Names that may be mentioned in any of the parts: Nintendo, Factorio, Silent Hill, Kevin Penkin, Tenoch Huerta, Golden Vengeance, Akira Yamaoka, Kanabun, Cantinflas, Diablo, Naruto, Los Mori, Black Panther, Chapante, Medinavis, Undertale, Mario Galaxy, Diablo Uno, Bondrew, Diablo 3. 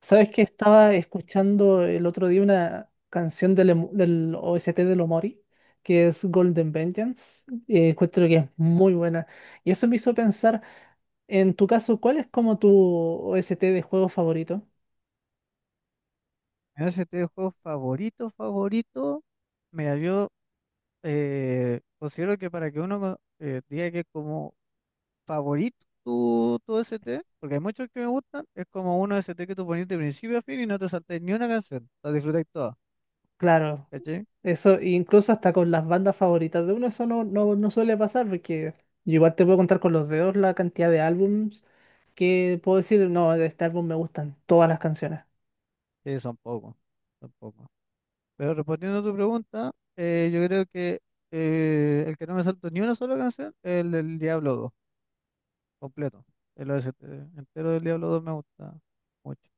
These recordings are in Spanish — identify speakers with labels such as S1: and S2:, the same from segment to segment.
S1: ¿Sabes que estaba escuchando el otro día una canción del OST de Los Mori, que es Golden Vengeance. Encuentro que es
S2: Ya.
S1: muy buena. Y eso me hizo pensar, en tu caso, ¿cuál es como tu OST de juego favorito?
S2: Mi OST de juego favorito, favorito. Mira, yo considero que para que uno diga que es como favorito tu OST, porque hay muchos que me gustan, es como un OST que tú pones de principio a fin y no te saltas ni una canción, la disfrutáis toda,
S1: Claro,
S2: ¿cachai?
S1: eso incluso hasta con las bandas favoritas de uno, eso no, no, no suele pasar, porque yo igual te puedo contar con los dedos la cantidad de álbums que puedo decir, no, de este álbum me gustan todas las canciones.
S2: Que son pocos, son pocos. Pero respondiendo a tu pregunta, yo creo que el que no me salto ni una sola canción es el del Diablo dos completo. El OST entero del Diablo dos me gusta mucho.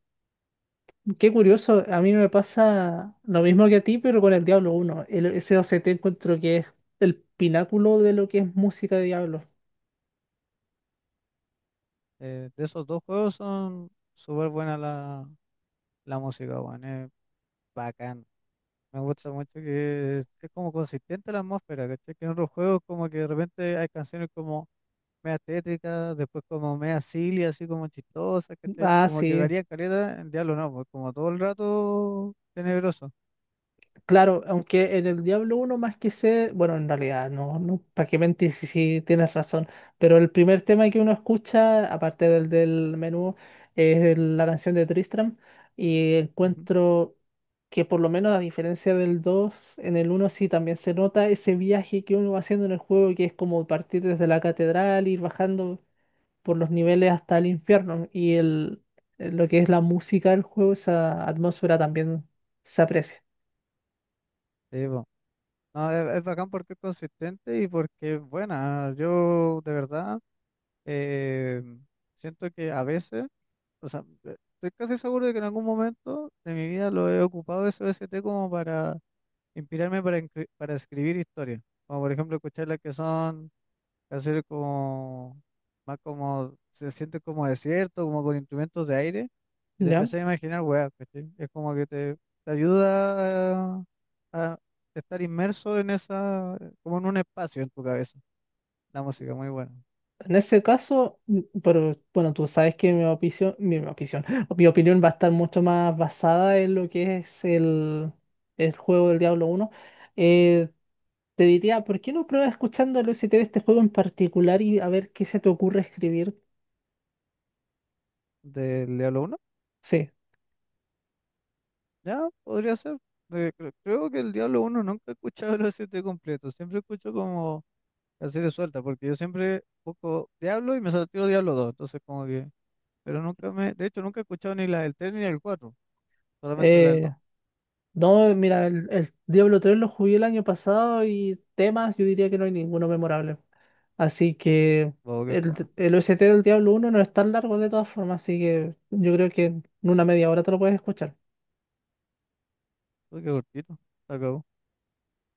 S1: Qué curioso, a mí me pasa lo mismo que a ti, pero con el Diablo Uno. Ese OCT encuentro que es el pináculo de lo que es música de Diablo.
S2: De esos dos juegos son súper buena la música, weón. Es bacán. Me gusta mucho que es como consistente la atmósfera, ¿cachai? Que en otros juegos como que de repente hay canciones como media tétricas, después como media silly, así como chistosas, ¿cachai?
S1: Ah,
S2: Como que
S1: sí.
S2: varían caleta, en Diablo no, pues como todo el rato tenebroso.
S1: Claro, aunque en el Diablo uno más que sé, bueno, en realidad no, no, para qué mentir si tienes razón, pero el primer tema que uno escucha, aparte del menú, es la canción de Tristram, y
S2: Ujú.
S1: encuentro que por lo menos a diferencia del 2, en el uno sí también se nota ese viaje que uno va haciendo en el juego, que es como partir desde la catedral, ir bajando por los niveles hasta el infierno, y lo que es la música del juego, esa atmósfera también se aprecia.
S2: Sí, po. No, es bacán porque es consistente y porque es buena. Yo de verdad eh, siento que a veces. O sea, estoy casi seguro de que en algún momento de mi vida lo he ocupado ese OST como para inspirarme para escribir historias. Como por ejemplo escuchar las que son canciones como más como se siente como desierto, como con instrumentos de aire, y te
S1: ¿Ya?
S2: empecé a imaginar weas, ¿cachai? Es como que te ayuda a estar inmerso en esa, como en un espacio en tu cabeza. La música muy buena.
S1: En ese caso, pero bueno, tú sabes que mi opinión, mi opinión, mi opinión va a estar mucho más basada en lo que es el juego del Diablo uno. Eh, Te diría, ¿por qué no pruebas escuchando el OST de este juego en particular y a ver qué se te ocurre escribir?
S2: Del Diablo.
S1: Sí.
S2: Ya, podría ser. Creo que el Diablo uno nunca he escuchado los 7 completos. Siempre escucho como las series suelta porque yo siempre busco Diablo y me salteo Diablo dos. Entonces, como que. Pero nunca me. De hecho, nunca he escuchado ni la del 3 ni el del. Solamente la del
S1: eh,
S2: dos.
S1: No, mira, el Diablo 3 lo jugué el año pasado, y temas, yo diría que no hay ninguno memorable. Así que
S2: Wow, qué
S1: el,
S2: fue.
S1: el OST del Diablo 1 no es tan largo de todas formas, así que yo creo que en una media hora te lo puedes escuchar.
S2: Qué cortito. Se acabó.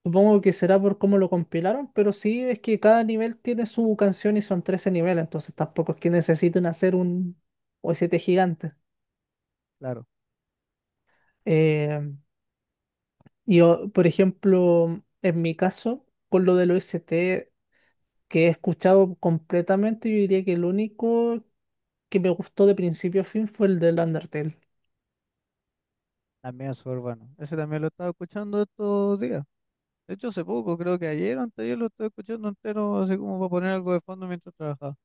S1: Supongo que será por cómo lo compilaron, pero sí es que cada nivel tiene su canción y son 13 niveles, entonces tampoco es que necesiten hacer un OST gigante.
S2: Claro.
S1: Eh, y por ejemplo, en mi caso, con lo del OST que he escuchado completamente, yo diría que el único que me gustó de principio a fin fue el del Undertale.
S2: También es súper bueno. Ese también lo estaba escuchando estos días. De hecho, hace poco, creo que ayer o anteayer lo estoy escuchando entero, así como para poner algo de fondo mientras trabajaba.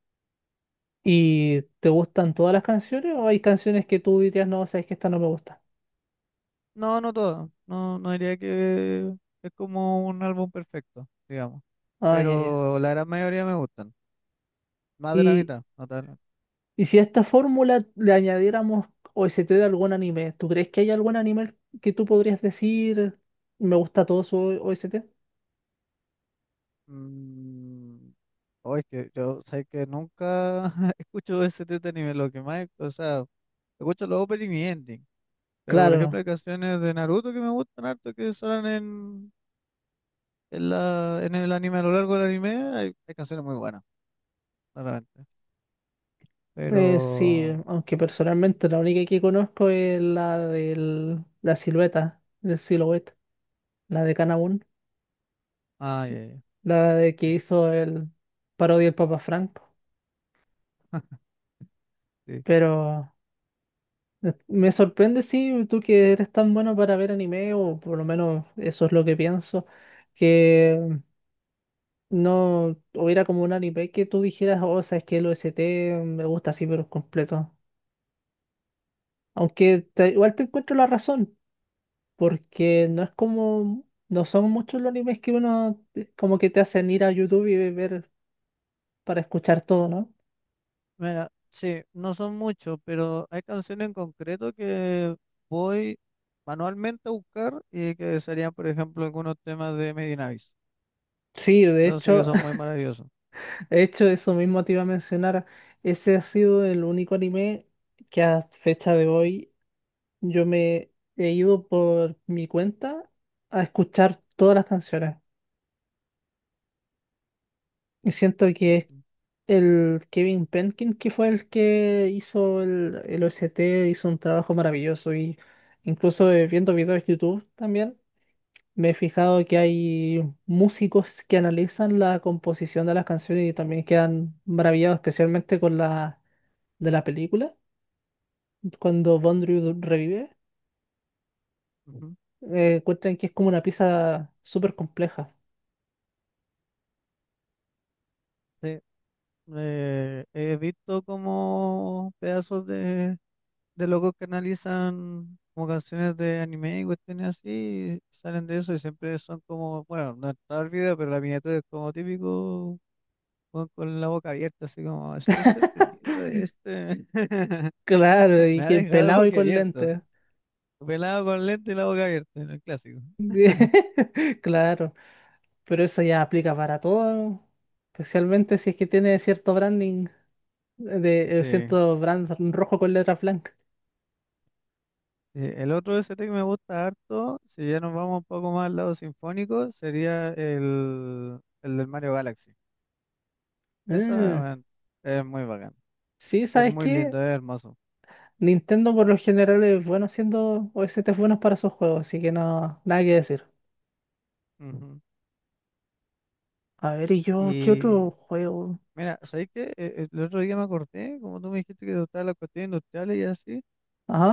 S1: ¿Y te gustan todas las canciones o hay canciones que tú dirías, no, sabes que esta no me gusta?
S2: No, no todo. No, no diría que es como un álbum perfecto, digamos.
S1: Ah, ya, ya.
S2: Pero la gran mayoría me gustan. Más de la
S1: Y,
S2: mitad, no tal.
S1: si a esta fórmula le añadiéramos OST de algún anime, ¿tú crees que hay algún anime que tú podrías decir, me gusta todo su OST?
S2: Mm, oh, es que yo sé que nunca escucho ese tipo de anime. Lo que más, o sea, escucho los opening y ending. Pero por ejemplo
S1: Claro,
S2: hay canciones de Naruto que me gustan harto, que suenan en el anime, a lo largo del anime, hay canciones muy buenas, claramente.
S1: sí,
S2: Pero,
S1: aunque
S2: no sé.
S1: personalmente la única que conozco es la de la silueta, el silhouette, la de Kanabun,
S2: Ah, ya, ya,
S1: la de que
S2: ya. Sí.
S1: hizo el parodia del Papa Franco.
S2: Sí.
S1: Pero me sorprende, sí, tú que eres tan bueno para ver anime, o por lo menos eso es lo que pienso, que no hubiera como un anime que tú dijeras, oh, sabes que el OST me gusta así, pero completo. Aunque igual te encuentro la razón, porque no es como, no son muchos los animes que uno, como que te hacen ir a YouTube y ver para escuchar todo, ¿no?
S2: Mira, sí, no son muchos, pero hay canciones en concreto que voy manualmente a buscar y que serían, por ejemplo, algunos temas de Medinavis.
S1: Sí, de
S2: Eso sí que
S1: hecho,
S2: son muy maravillosos.
S1: De hecho, eso mismo te iba a mencionar. Ese ha sido el único anime que a fecha de hoy yo me he ido por mi cuenta a escuchar todas las canciones. Y siento que es
S2: Ujú,
S1: el Kevin Penkin, que fue el que hizo el OST, hizo un trabajo maravilloso. Y incluso, viendo videos de YouTube también, me he fijado que hay músicos que analizan la composición de las canciones y también quedan maravillados, especialmente con la de la película cuando Bondrew revive.
S2: ujú.
S1: Cuentan que es como una pieza súper compleja.
S2: Sí, he visto como pedazos de locos que analizan como canciones de anime y cuestiones así, y salen de eso y siempre son como, bueno, no está el video, pero la miniatura es como típico, con la boca abierta, así como, estoy sorprendida de este,
S1: Claro, y
S2: me ha
S1: que
S2: dejado
S1: pelado y
S2: boca
S1: con
S2: abierto,
S1: lentes.
S2: pelado con lente y la boca abierta, en el clásico.
S1: Claro, pero eso ya aplica para todo, especialmente si es que tiene cierto branding, de,
S2: Sí,
S1: cierto brand rojo con letras blancas.
S2: sí, el otro de ese que me gusta harto, si ya nos vamos un poco más al lado sinfónico, sería el del Mario Galaxy. Esa,
S1: Mm,
S2: bueno, es muy bacán.
S1: sí,
S2: Es
S1: ¿sabes
S2: muy
S1: qué?
S2: lindo, es hermoso.
S1: Nintendo por lo general es bueno haciendo OSTs buenos para sus juegos, así que no, nada que decir.
S2: Ujú.
S1: A ver, ¿y yo qué otro
S2: Y
S1: juego?
S2: mira, ¿sabes qué? El otro día me acordé, como tú me dijiste que te gustaban las cuestiones industriales y así,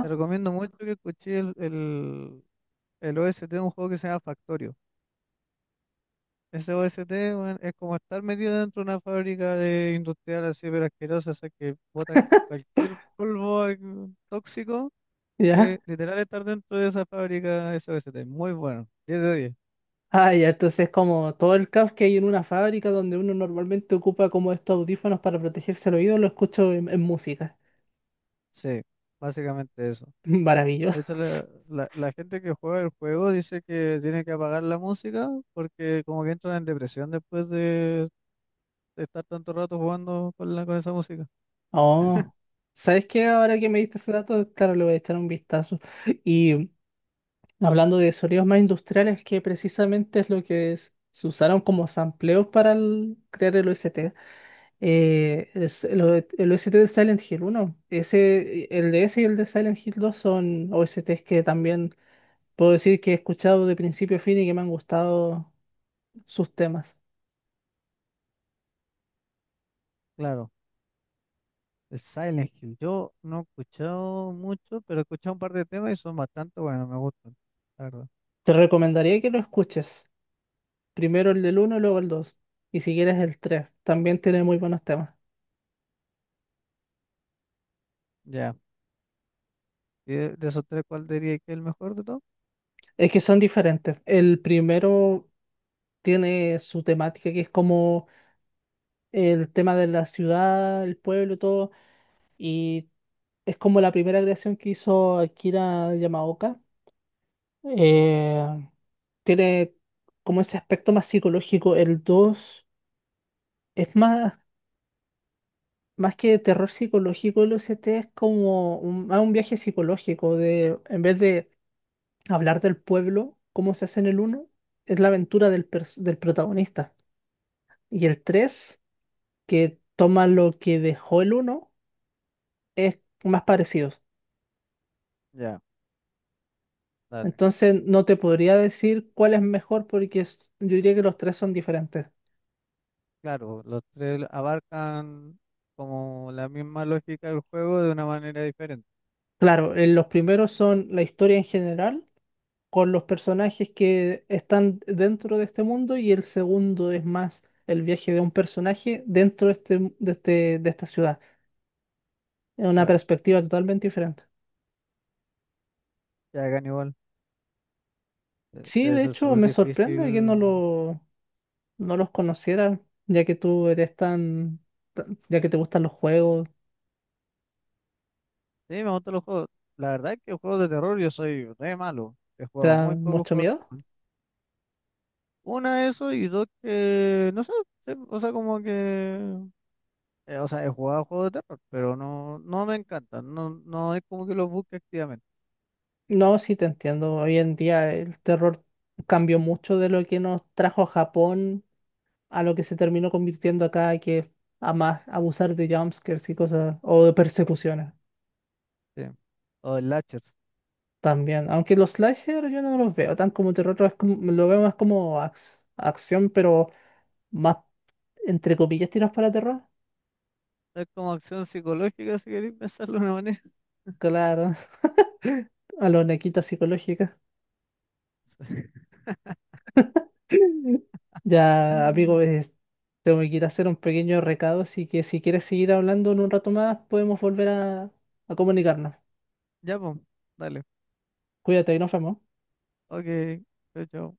S2: te recomiendo mucho que escuché el OST de un juego que se llama Factorio. Ese OST, weón, es como estar metido dentro de una fábrica de industrial así, pero asquerosa, o que botan cualquier polvo tóxico.
S1: ya.
S2: Literal estar dentro de esa fábrica, ese OST. Muy bueno. 10 de 10.
S1: Ah, ya, entonces como todo el caos que hay en una fábrica donde uno normalmente ocupa como estos audífonos para protegerse el oído, lo escucho en música.
S2: Sí, básicamente eso. De hecho,
S1: Maravilloso.
S2: la gente que juega el juego dice que tiene que apagar la música porque como que entran en depresión después de estar tanto rato jugando con esa música.
S1: Oh, ¿sabes qué? Ahora que me diste ese dato, claro, le voy a echar un vistazo. Y hablando de sonidos más industriales, que precisamente es lo que se usaron como sampleos para crear el OST. Es el OST de Silent Hill uno. Ese, el de ese y el de Silent Hill dos son OSTs que también puedo decir que he escuchado de principio a fin y que me han gustado sus temas.
S2: Claro, el Silent Hill. Yo no he escuchado mucho, pero he escuchado un par de temas y son bastante buenos, me gustan, la verdad.
S1: Te recomendaría que lo escuches. Primero el del uno y luego el dos. Y si quieres, el tres también tiene muy buenos temas.
S2: Ya. ¿Y de esos tres cuál diría que es el mejor de todos?
S1: Es que son diferentes. El primero tiene su temática, que es como el tema de la ciudad, el pueblo, y todo. Y es como la primera creación que hizo Akira Yamaoka. Eh, Tiene como ese aspecto más psicológico. El 2 es más que terror psicológico, el OST es como más un viaje psicológico de, en vez de hablar del pueblo, cómo se hace en el uno, es la aventura del protagonista. Y el 3 que toma lo que dejó el uno es más parecido.
S2: Ya, dale.
S1: Entonces no te podría decir cuál es mejor porque yo diría que los tres son diferentes.
S2: Claro, los tres abarcan como la misma lógica del juego de una manera diferente.
S1: Claro, los primeros son la historia en general con los personajes que están dentro de este mundo, y el segundo es más el viaje de un personaje dentro de esta ciudad. Es una
S2: Claro,
S1: perspectiva totalmente diferente.
S2: ya hagan igual
S1: Sí,
S2: Debe
S1: de
S2: ser
S1: hecho,
S2: súper
S1: me sorprende que no,
S2: difícil.
S1: lo, no los conociera, ya que tú eres ya que te gustan los juegos,
S2: Sí, me gustan los juegos. La verdad es que juegos de terror yo soy re malo. He
S1: ¿te
S2: jugado
S1: da
S2: muy pocos
S1: mucho
S2: juegos
S1: miedo?
S2: de terror. Una, eso, y dos, que no sé, sí, o sea, como que. O sea, he jugado juegos de terror, pero no, no me encantan. No, no es como que los busque activamente.
S1: No, sí te entiendo. Hoy en día el terror cambió mucho de lo que nos trajo a Japón a lo que se terminó convirtiendo acá, que es a más abusar de jumpscares y cosas, o de persecuciones
S2: Sí. O el Latcher.
S1: también. Aunque los slasher yo no los veo tan como terror, lo veo más como acción, pero más entre comillas tiros para terror.
S2: Es como acción psicológica, si queréis pensarlo de una manera.
S1: Claro, a lo nequita psicológica. Ya, amigo, tengo que ir a hacer un pequeño recado, así que si quieres seguir hablando en un rato más, podemos volver a comunicarnos.
S2: Ya, pues, dale.
S1: Cuídate y nos vemos.
S2: Ok, chao, chao.